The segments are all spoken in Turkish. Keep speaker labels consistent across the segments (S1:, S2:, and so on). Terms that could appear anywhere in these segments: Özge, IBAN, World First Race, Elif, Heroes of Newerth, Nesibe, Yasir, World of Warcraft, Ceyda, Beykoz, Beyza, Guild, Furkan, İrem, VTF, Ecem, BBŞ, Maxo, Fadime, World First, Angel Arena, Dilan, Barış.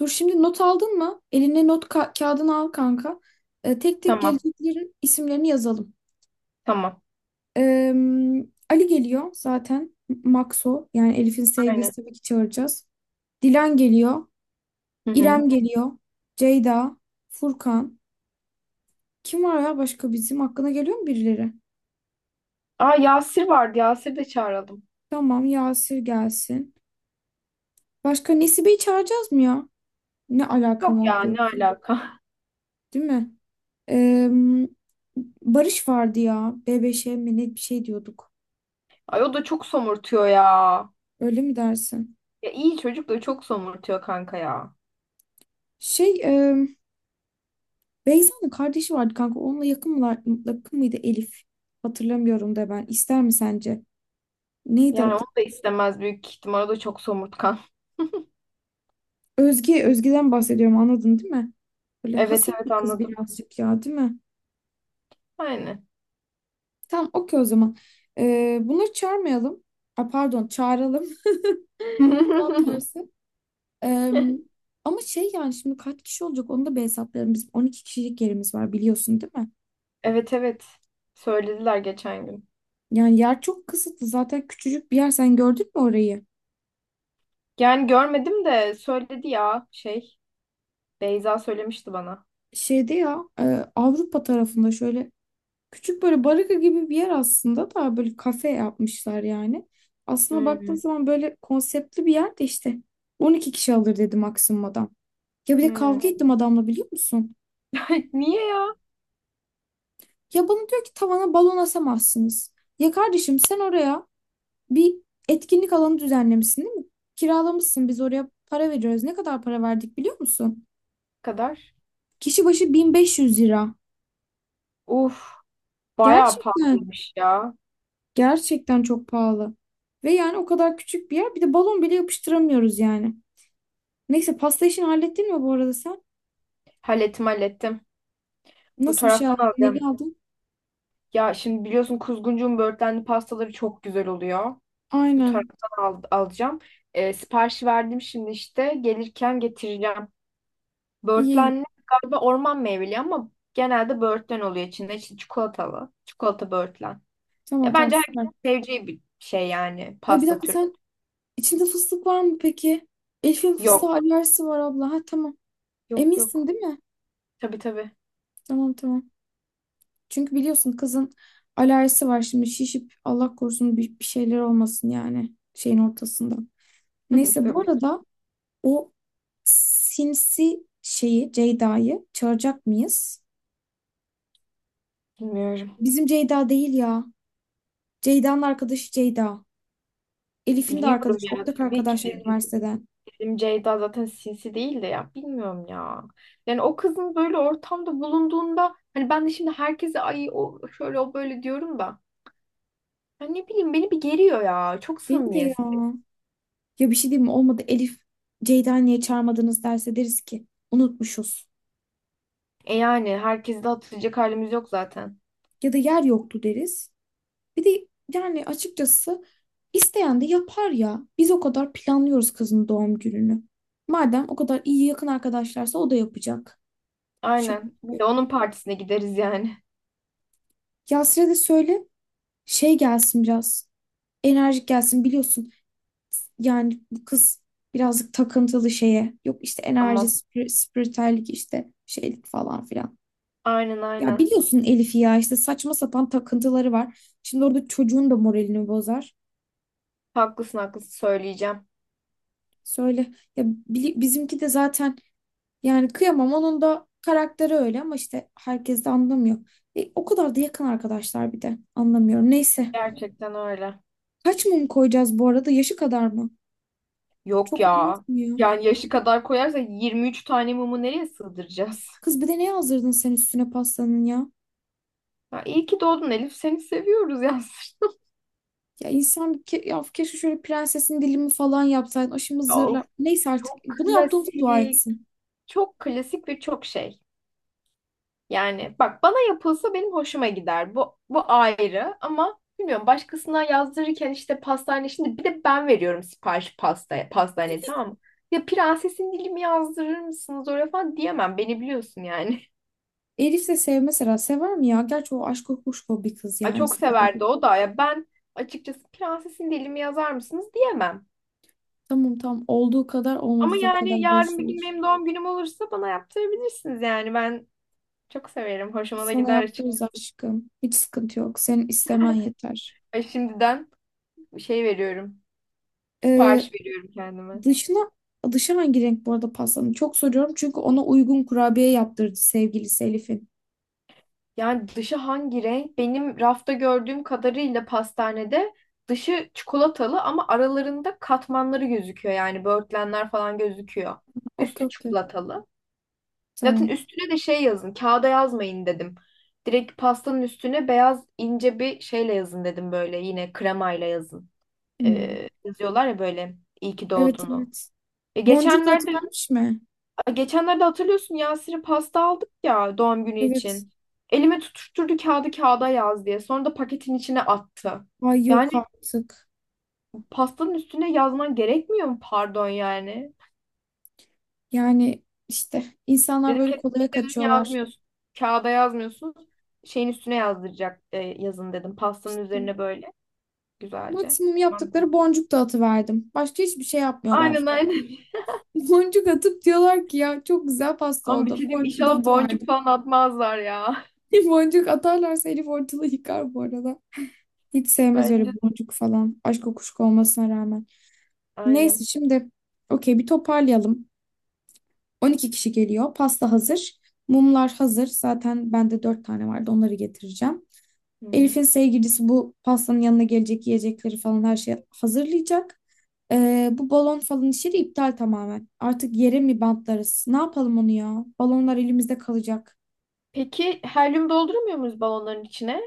S1: Dur şimdi not aldın mı? Eline not kağıdını al kanka. Tek tek
S2: Tamam.
S1: geleceklerin isimlerini yazalım.
S2: Tamam.
S1: Ee, Ali geliyor zaten. Maxo, yani Elif'in
S2: Aynen.
S1: sevgilisi, tabii ki çağıracağız. Dilan geliyor.
S2: Hı hı.
S1: İrem geliyor. Ceyda. Furkan. Kim var ya başka bizim? Hakkına geliyor mu birileri?
S2: Aa Yasir vardı. Yasir de çağıralım.
S1: Tamam, Yasir gelsin. Başka Nesibe'yi çağıracağız mı ya? Ne
S2: Yok
S1: alakam
S2: ya
S1: oldu
S2: ne
S1: yoksa?
S2: alaka.
S1: Değil mi? Ee, Barış vardı ya. BBŞ mi ne bir şey diyorduk.
S2: Ay o da çok somurtuyor ya.
S1: Öyle mi dersin?
S2: Ya iyi çocuk da çok somurtuyor kanka ya.
S1: Şey, e, Beyza'nın kardeşi vardı kanka. Onunla yakın mıydı Elif? Hatırlamıyorum da ben. İster mi sence? Neydi
S2: Yani
S1: adı?
S2: onu da istemez büyük ihtimal. O da çok somurtkan.
S1: Özge'den bahsediyorum, anladın değil mi? Böyle
S2: Evet
S1: haset bir
S2: evet
S1: kız
S2: anladım.
S1: birazcık ya, değil mi?
S2: Aynen.
S1: Tamam, okey o zaman. Bunları çağırmayalım. A, pardon, çağıralım. Tam tersi. E, ama şey yani şimdi kaç kişi olacak onu da bir hesaplayalım. Bizim 12 kişilik yerimiz var, biliyorsun değil mi?
S2: Evet evet. Söylediler geçen gün.
S1: Yani yer çok kısıtlı. Zaten küçücük bir yer. Sen gördün mü orayı?
S2: Yani görmedim de söyledi ya şey. Beyza söylemişti bana.
S1: Şeyde ya Avrupa tarafında şöyle küçük böyle baraka gibi bir yer aslında, da böyle kafe yapmışlar yani. Aslında baktığın
S2: Hmm,
S1: zaman böyle konseptli bir yer de işte 12 kişi alır dedi maksimum adam. Ya bir de
S2: hmm.
S1: kavga ettim adamla, biliyor musun?
S2: Niye ya?
S1: Ya bana diyor ki tavana balon asamazsınız. Ya kardeşim sen oraya bir etkinlik alanı düzenlemişsin değil mi? Kiralamışsın, biz oraya para veriyoruz. Ne kadar para verdik biliyor musun?
S2: Bu kadar.
S1: Kişi başı 1.500 lira.
S2: Uf, bayağı
S1: Gerçekten.
S2: pahalıymış ya.
S1: Gerçekten çok pahalı. Ve yani o kadar küçük bir yer. Bir de balon bile yapıştıramıyoruz yani. Neyse, pasta işini hallettin mi bu arada sen?
S2: Hallettim hallettim. Bu
S1: Nasıl bir şey aldın?
S2: taraftan
S1: Neli
S2: alacağım.
S1: aldın?
S2: Ya şimdi biliyorsun kuzguncuğun böğürtlenli pastaları çok güzel oluyor. Bu
S1: Aynen.
S2: taraftan alacağım. Siparişi verdim şimdi işte. Gelirken getireceğim.
S1: İyi iyi.
S2: Böğürtlenli galiba orman meyveli ama genelde böğürtlen oluyor içinde. İşte çikolatalı. Çikolata böğürtlen. Ya
S1: Tamam tamam,
S2: bence herkes
S1: süper.
S2: seveceği bir şey yani
S1: Ay bir
S2: pasta
S1: dakika,
S2: türü.
S1: sen içinde fıstık var mı peki? Elif'in fıstığa
S2: Yok.
S1: alerjisi var abla. Ha, tamam.
S2: Yok
S1: Eminsin
S2: yok.
S1: değil mi?
S2: Tabii tabii.
S1: Tamam tamam. Çünkü biliyorsun kızın alerjisi var şimdi. Şişip Allah korusun bir şeyler olmasın yani şeyin ortasında. Neyse bu
S2: Tabii.
S1: arada o sinsi şeyi, Ceyda'yı çağıracak mıyız?
S2: Bilmiyorum.
S1: Bizim Ceyda değil ya. Ceyda'nın arkadaşı Ceyda. Elif'in de
S2: Biliyorum
S1: arkadaşı,
S2: ya
S1: ortak
S2: tabii ki.
S1: arkadaşlar
S2: De.
S1: üniversiteden.
S2: Bizim Ceyda zaten sinsi değil de ya bilmiyorum ya. Yani o kızın böyle ortamda bulunduğunda hani ben de şimdi herkese ay o şöyle o böyle diyorum da. Ya ne bileyim beni bir geriyor ya. Çok
S1: Beni de
S2: samimiyetsiz.
S1: ya. Ya bir şey diyeyim mi? Olmadı, Elif Ceyda'yı niye çağırmadınız derse deriz ki unutmuşuz.
S2: E yani herkesi de hatırlayacak halimiz yok zaten.
S1: Ya da yer yoktu deriz. Bir de yani açıkçası isteyen de yapar ya. Biz o kadar planlıyoruz kızın doğum gününü. Madem o kadar iyi yakın arkadaşlarsa o da yapacak. Şaka
S2: Aynen. Bir
S1: gibi.
S2: de onun partisine gideriz yani.
S1: Yasir'e de söyle. Şey gelsin biraz. Enerjik gelsin biliyorsun. Yani bu kız birazcık takıntılı şeye. Yok işte enerji,
S2: Ama
S1: spiritüellik işte şeylik falan filan.
S2: aynen
S1: Ya
S2: aynen.
S1: biliyorsun Elif'i, ya işte saçma sapan takıntıları var. Şimdi orada çocuğun da moralini bozar.
S2: Haklısın haklısın söyleyeceğim.
S1: Söyle ya, bizimki de zaten yani kıyamam, onun da karakteri öyle ama işte herkes de anlamıyor. O kadar da yakın arkadaşlar, bir de anlamıyorum. Neyse,
S2: Gerçekten öyle.
S1: kaç mum koyacağız bu arada, yaşı kadar mı?
S2: Yok
S1: Çok olmaz
S2: ya.
S1: mı ya?
S2: Yani yaşı kadar koyarsa 23 tane mumu nereye sığdıracağız?
S1: Kız, bir de ne yazdırdın sen üstüne pastanın ya?
S2: Ya iyi ki doğdun Elif. Seni seviyoruz ya.
S1: Ya insan ke ya keşke şöyle prensesin dilimi falan yapsaydın. O şimdi
S2: Of.
S1: zırla. Neyse artık
S2: Çok
S1: bunu yaptığımıza dua
S2: klasik,
S1: etsin.
S2: çok klasik ve çok şey. Yani bak bana yapılsa benim hoşuma gider. Bu ayrı ama bilmiyorum başkasına yazdırırken işte pastane şimdi bir de ben veriyorum sipariş pasta pastaneye tamam mı? Ya prensesin dilimi yazdırır mısınız oraya falan diyemem. Beni biliyorsun yani.
S1: Elif de sev mesela. Sever mi ya? Gerçi o aşk kuşko bir kız
S2: Ay
S1: yani.
S2: çok severdi
S1: Sevebilir.
S2: o da ya ben açıkçası prensesin dilimi yazar mısınız diyemem.
S1: Tamam tamam. Olduğu kadar
S2: Ama
S1: olmadığı da
S2: yani
S1: kadar boş
S2: yarın bir
S1: olur.
S2: gün benim doğum günüm olursa bana yaptırabilirsiniz yani ben çok severim. Hoşuma da
S1: Sana
S2: gider açıkçası.
S1: yaptığımız aşkım. Hiç sıkıntı yok. Senin istemen yeter.
S2: Ay şimdiden şey veriyorum.
S1: Ee,
S2: Sipariş veriyorum kendime.
S1: dışına dışı hangi renk bu arada pastanın? Çok soruyorum çünkü ona uygun kurabiye yaptırdı sevgilisi Elif'in.
S2: Yani dışı hangi renk? Benim rafta gördüğüm kadarıyla pastanede dışı çikolatalı ama aralarında katmanları gözüküyor. Yani böğürtlenler falan gözüküyor. Üstü
S1: Okey okey.
S2: çikolatalı. Zaten
S1: Tamam.
S2: üstüne de şey yazın. Kağıda yazmayın dedim. Direkt pastanın üstüne beyaz ince bir şeyle yazın dedim böyle. Yine kremayla yazın.
S1: Hmm.
S2: Yazıyorlar ya böyle iyi ki
S1: Evet
S2: doğdunu.
S1: evet.
S2: E,
S1: Boncuk da
S2: geçenlerde
S1: atıvermiş mi?
S2: Geçenlerde hatırlıyorsun Yasir'e pasta aldık ya doğum günü
S1: Evet.
S2: için. Elime tutuşturdu kağıdı kağıda yaz diye. Sonra da paketin içine attı.
S1: Ay,
S2: Yani
S1: yok artık.
S2: pastanın üstüne yazman gerekmiyor mu pardon yani?
S1: Yani işte insanlar
S2: Dedim
S1: böyle
S2: kesinlikle
S1: kolaya
S2: dedim
S1: kaçıyorlar.
S2: yazmıyorsun. Kağıda yazmıyorsun. Şeyin üstüne yazdıracak yazın dedim. Pastanın
S1: İşte
S2: üzerine böyle güzelce.
S1: maksimum
S2: Tamam dedi.
S1: yaptıkları boncuk dağıtıverdim. Başka hiçbir şey yapmıyorlar.
S2: Aynen aynen.
S1: Boncuk atıp diyorlar ki ya çok güzel pasta
S2: Ama bir
S1: oldu.
S2: şey diyeyim
S1: Boncuğu da
S2: inşallah boncuk
S1: atıverdim.
S2: falan atmazlar ya.
S1: Boncuk atarlarsa Elif ortalığı yıkar bu arada. Hiç sevmez öyle
S2: Bence
S1: boncuk falan. Aşk kokuşku olmasına rağmen. Neyse
S2: aynen.
S1: şimdi okey bir toparlayalım. 12 kişi geliyor. Pasta hazır. Mumlar hazır. Zaten bende 4 tane vardı. Onları getireceğim.
S2: Hı hı.
S1: Elif'in sevgilisi bu pastanın yanına gelecek, yiyecekleri falan her şeyi hazırlayacak. Bu balon falan işi de iptal tamamen. Artık yere mi bantlarız? Ne yapalım onu ya? Balonlar elimizde kalacak.
S2: Peki helyum dolduramıyor muyuz balonların içine?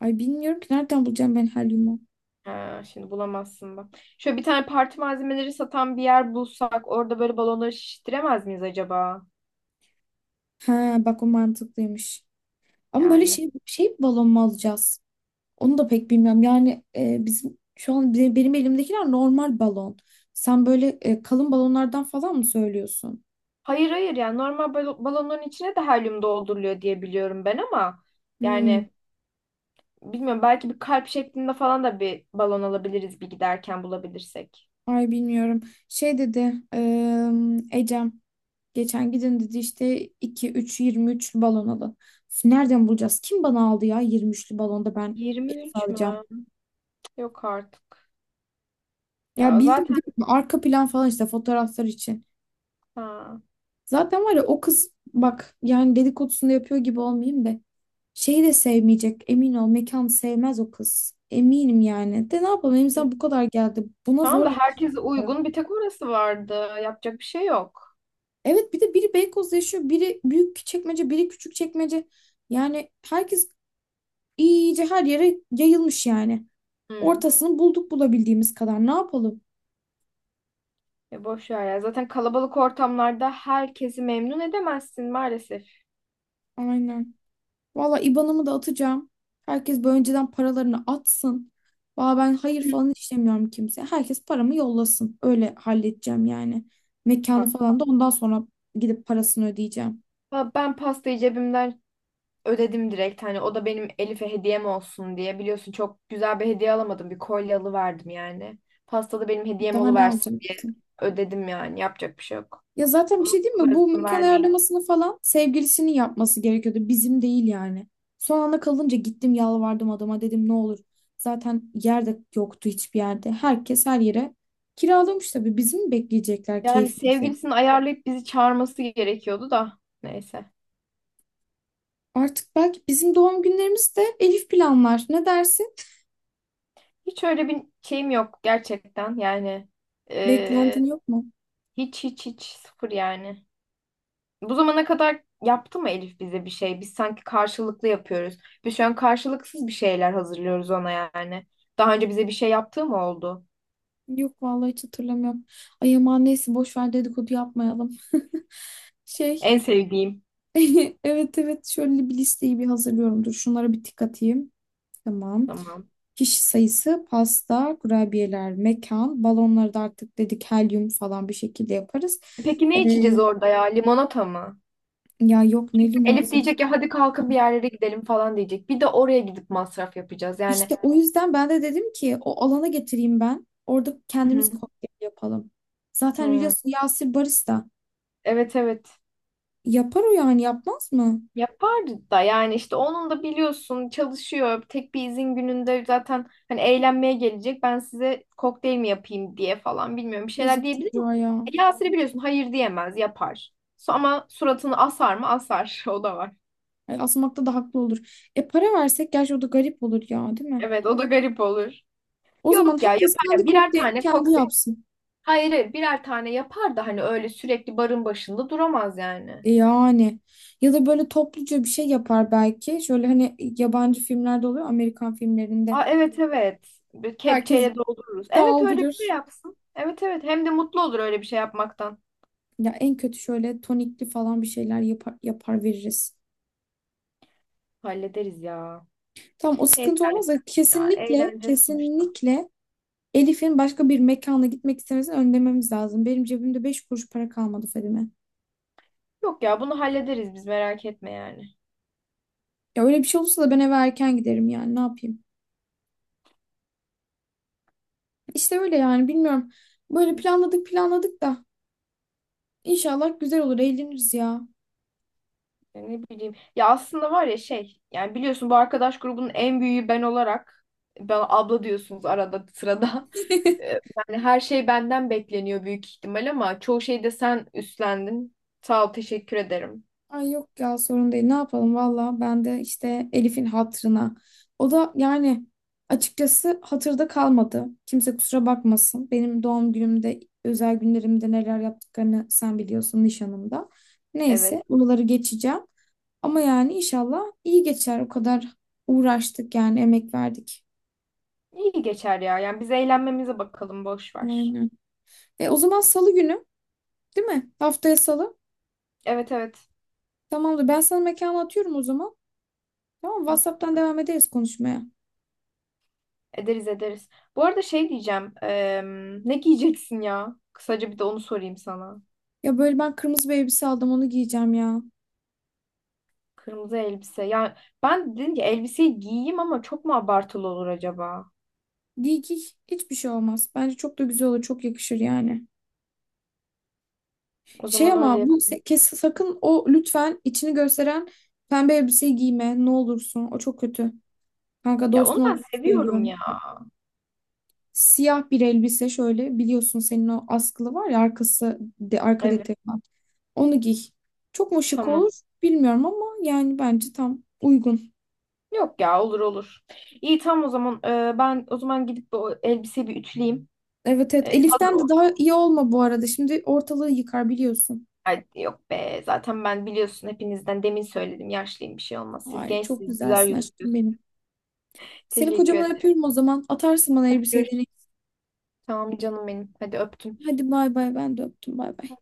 S1: Ay bilmiyorum ki, nereden bulacağım ben helyumu.
S2: Ha, şimdi bulamazsın bak. Şöyle bir tane parti malzemeleri satan bir yer bulsak orada böyle balonları şiştiremez miyiz acaba?
S1: Ha bak, o mantıklıymış. Ama böyle
S2: Yani.
S1: şey balon mu alacağız? Onu da pek bilmiyorum. Yani bizim şu an benim elimdekiler normal balon. Sen böyle kalın balonlardan falan mı söylüyorsun?
S2: Hayır hayır yani normal balonların içine de helyum dolduruluyor diye biliyorum ben ama
S1: Hmm,
S2: yani bilmiyorum belki bir kalp şeklinde falan da bir balon alabiliriz bir giderken bulabilirsek.
S1: ay bilmiyorum. Şey dedi Ecem geçen gidin dedi işte iki üç 20 23'lü balon alın. Üf, nereden bulacağız? Kim bana aldı ya 23'lü balonda ben
S2: 23
S1: alacağım.
S2: mü? Yok artık.
S1: Ya
S2: Ya
S1: bildin
S2: zaten
S1: değil mi? Arka plan falan işte fotoğraflar için.
S2: ha.
S1: Zaten var ya o kız, bak yani dedikodusunu yapıyor gibi olmayayım da şeyi de sevmeyecek, emin ol, mekan sevmez o kız. Eminim yani. De ne yapalım, elimizden bu kadar geldi. Buna
S2: Tamam
S1: zor
S2: da
S1: yetiştik
S2: herkese
S1: para.
S2: uygun bir tek orası vardı. Yapacak bir şey yok.
S1: Evet, bir de biri Beykoz'da yaşıyor, biri Büyük Çekmece, biri Küçük Çekmece. Yani herkes iyice her yere yayılmış yani.
S2: Hmm.
S1: Ortasını bulduk, bulabildiğimiz kadar, ne yapalım?
S2: Ya boş ver ya. Zaten kalabalık ortamlarda herkesi memnun edemezsin maalesef.
S1: Aynen. Valla IBAN'ımı da atacağım. Herkes böyle önceden paralarını atsın. Valla ben hayır falan işlemiyorum kimseye. Herkes paramı yollasın. Öyle halledeceğim yani. Mekanı
S2: Hatta
S1: falan da ondan sonra gidip parasını ödeyeceğim.
S2: ben pastayı cebimden ödedim direkt. Hani o da benim Elif'e hediyem olsun diye. Biliyorsun çok güzel bir hediye alamadım. Bir kolye alıverdim yani. Pasta da benim hediyem
S1: Daha ne
S2: oluversin diye
S1: alacaksın?
S2: ödedim yani. Yapacak bir şey yok.
S1: Ya zaten bir
S2: Onun
S1: şey değil mi? Bu
S2: parasını
S1: mekan
S2: vermeyin.
S1: ayarlamasını falan sevgilisinin yapması gerekiyordu. Bizim değil yani. Son anda kalınca gittim, yalvardım adama, dedim ne olur. Zaten yer de yoktu hiçbir yerde. Herkes her yere kiralamış tabii. Bizim mi bekleyecekler
S2: Yani
S1: keyfimizi?
S2: sevgilisini ayarlayıp bizi çağırması gerekiyordu da. Neyse.
S1: Artık belki bizim doğum günlerimiz de Elif planlar. Ne dersin?
S2: Hiç öyle bir şeyim yok gerçekten. Yani eee,
S1: Beklentin yok mu?
S2: hiç hiç hiç sıfır yani. Bu zamana kadar yaptı mı Elif bize bir şey? Biz sanki karşılıklı yapıyoruz. Biz şu an karşılıksız bir şeyler hazırlıyoruz ona yani. Daha önce bize bir şey yaptığı mı oldu?
S1: Yok vallahi, hiç hatırlamıyorum. Ay aman neyse, boş ver, dedikodu yapmayalım. Şey,
S2: En sevdiğim.
S1: evet evet, şöyle bir listeyi bir hazırlıyorum. Dur şunlara bir tık atayım. Tamam.
S2: Tamam.
S1: Kişi sayısı, pasta, kurabiyeler, mekan, balonları da artık dedik helyum falan bir şekilde yaparız.
S2: Peki
S1: Ee,
S2: ne içeceğiz orada ya? Limonata mı?
S1: ya yok ne
S2: Kesin Elif
S1: limonata.
S2: diyecek ya hadi kalkın bir yerlere gidelim falan diyecek. Bir de oraya gidip masraf yapacağız. Yani
S1: İşte o yüzden ben de dedim ki o alana getireyim ben. Orada
S2: Hı
S1: kendimiz
S2: hı.
S1: kokteyl yapalım. Zaten
S2: Hı.
S1: biliyorsun Yasir barista.
S2: Evet evet.
S1: Yapar o, yani yapmaz mı?
S2: Yapardı da yani işte onun da biliyorsun çalışıyor. Tek bir izin gününde zaten hani eğlenmeye gelecek. Ben size kokteyl mi yapayım diye falan bilmiyorum bir şeyler
S1: Yazık
S2: diyebilir mi?
S1: çocuğa ya.
S2: E, Yasir'i biliyorsun hayır diyemez yapar. Ama suratını asar mı? Asar. O da var.
S1: Ay, asmakta da haklı olur. E para versek gerçi o da garip olur ya, değil mi?
S2: Evet o da garip olur.
S1: O zaman
S2: Yok ya
S1: herkes
S2: yapar
S1: kendi
S2: ya birer
S1: kokteyli
S2: tane
S1: kendi
S2: kokteyl.
S1: yapsın.
S2: Hayır hayır birer tane yapar da hani öyle sürekli barın başında duramaz yani.
S1: E yani. Ya da böyle topluca bir şey yapar belki. Şöyle hani yabancı filmlerde oluyor. Amerikan filmlerinde.
S2: Aa evet evet. Bir
S1: Herkes
S2: kepçeyle doldururuz. Evet öyle bir şey
S1: daldırır.
S2: yapsın. Evet evet hem de mutlu olur öyle bir şey yapmaktan.
S1: Ya en kötü şöyle tonikli falan bir şeyler yapar, yapar veririz.
S2: Hallederiz ya.
S1: Tam o
S2: Neyse
S1: sıkıntı olmaz da
S2: ya
S1: kesinlikle
S2: eğlence sonuçta.
S1: kesinlikle Elif'in başka bir mekana gitmek istemesini önlememiz lazım. Benim cebimde 5 kuruş para kalmadı Fadime.
S2: Yok ya bunu hallederiz biz merak etme yani.
S1: Ya öyle bir şey olursa da ben eve erken giderim yani, ne yapayım. İşte öyle yani, bilmiyorum. Böyle planladık planladık da inşallah güzel olur, eğleniriz ya.
S2: Ya ne bileyim. Ya aslında var ya şey yani biliyorsun bu arkadaş grubunun en büyüğü ben olarak ben abla diyorsunuz arada sırada. Ee, Yani her şey benden bekleniyor büyük ihtimal ama çoğu şeyde sen üstlendin. Sağ ol teşekkür ederim.
S1: Ay yok ya, sorun değil. Ne yapalım valla, ben de işte Elif'in hatırına. O da yani açıkçası hatırda kalmadı. Kimse kusura bakmasın. Benim doğum günümde, özel günlerimde neler yaptıklarını sen biliyorsun, nişanımda.
S2: Evet.
S1: Neyse bunları geçeceğim. Ama yani inşallah iyi geçer. O kadar uğraştık yani, emek verdik.
S2: İyi geçer ya. Yani biz eğlenmemize bakalım boş ver.
S1: Aynen. O zaman salı günü değil mi? Haftaya salı.
S2: Evet evet.
S1: Tamamdır. Ben sana mekanı atıyorum o zaman. Tamam, WhatsApp'tan devam ederiz konuşmaya.
S2: Ederiz ederiz. Bu arada şey diyeceğim. Ne giyeceksin ya? Kısaca bir de onu sorayım sana.
S1: Ya böyle ben kırmızı bir elbise aldım, onu giyeceğim ya.
S2: Kırmızı elbise. Ya ben dedim ki elbiseyi giyeyim ama çok mu abartılı olur acaba?
S1: Giy giy, hiçbir şey olmaz. Bence çok da güzel olur, çok yakışır yani.
S2: O zaman
S1: Ama
S2: öyle.
S1: bu kes sakın o, lütfen, içini gösteren pembe elbiseyi giyme, ne olursun o çok kötü. Kanka
S2: Ya onu
S1: dostun
S2: ben
S1: olarak
S2: seviyorum ya.
S1: söylüyorum. Siyah bir elbise şöyle, biliyorsun senin o askılı var ya, arka
S2: Evet
S1: detayı var. Onu giy. Çok mu şık
S2: tamam.
S1: olur bilmiyorum ama yani bence tam uygun.
S2: Yok ya olur olur. İyi tamam o zaman. Ben o zaman gidip bu elbiseyi bir ütüleyeyim.
S1: Evet evet,
S2: Hazır
S1: Elif'ten de
S2: olsun.
S1: daha iyi olma bu arada. Şimdi ortalığı yıkar biliyorsun.
S2: Ay, yok be zaten ben biliyorsun hepinizden demin söyledim. Yaşlıyım bir şey olmaz. Siz
S1: Ay çok
S2: gençsiniz güzel
S1: güzelsin aşkım
S2: gözüküyorsunuz.
S1: benim. Seni
S2: Teşekkür
S1: kocaman
S2: ederim.
S1: öpüyorum o zaman. Atarsın bana
S2: Hadi
S1: elbiseyi
S2: görüşürüz.
S1: deneyim.
S2: Tamam canım benim. Hadi öptüm.
S1: Hadi bay bay, ben de öptüm bay bay.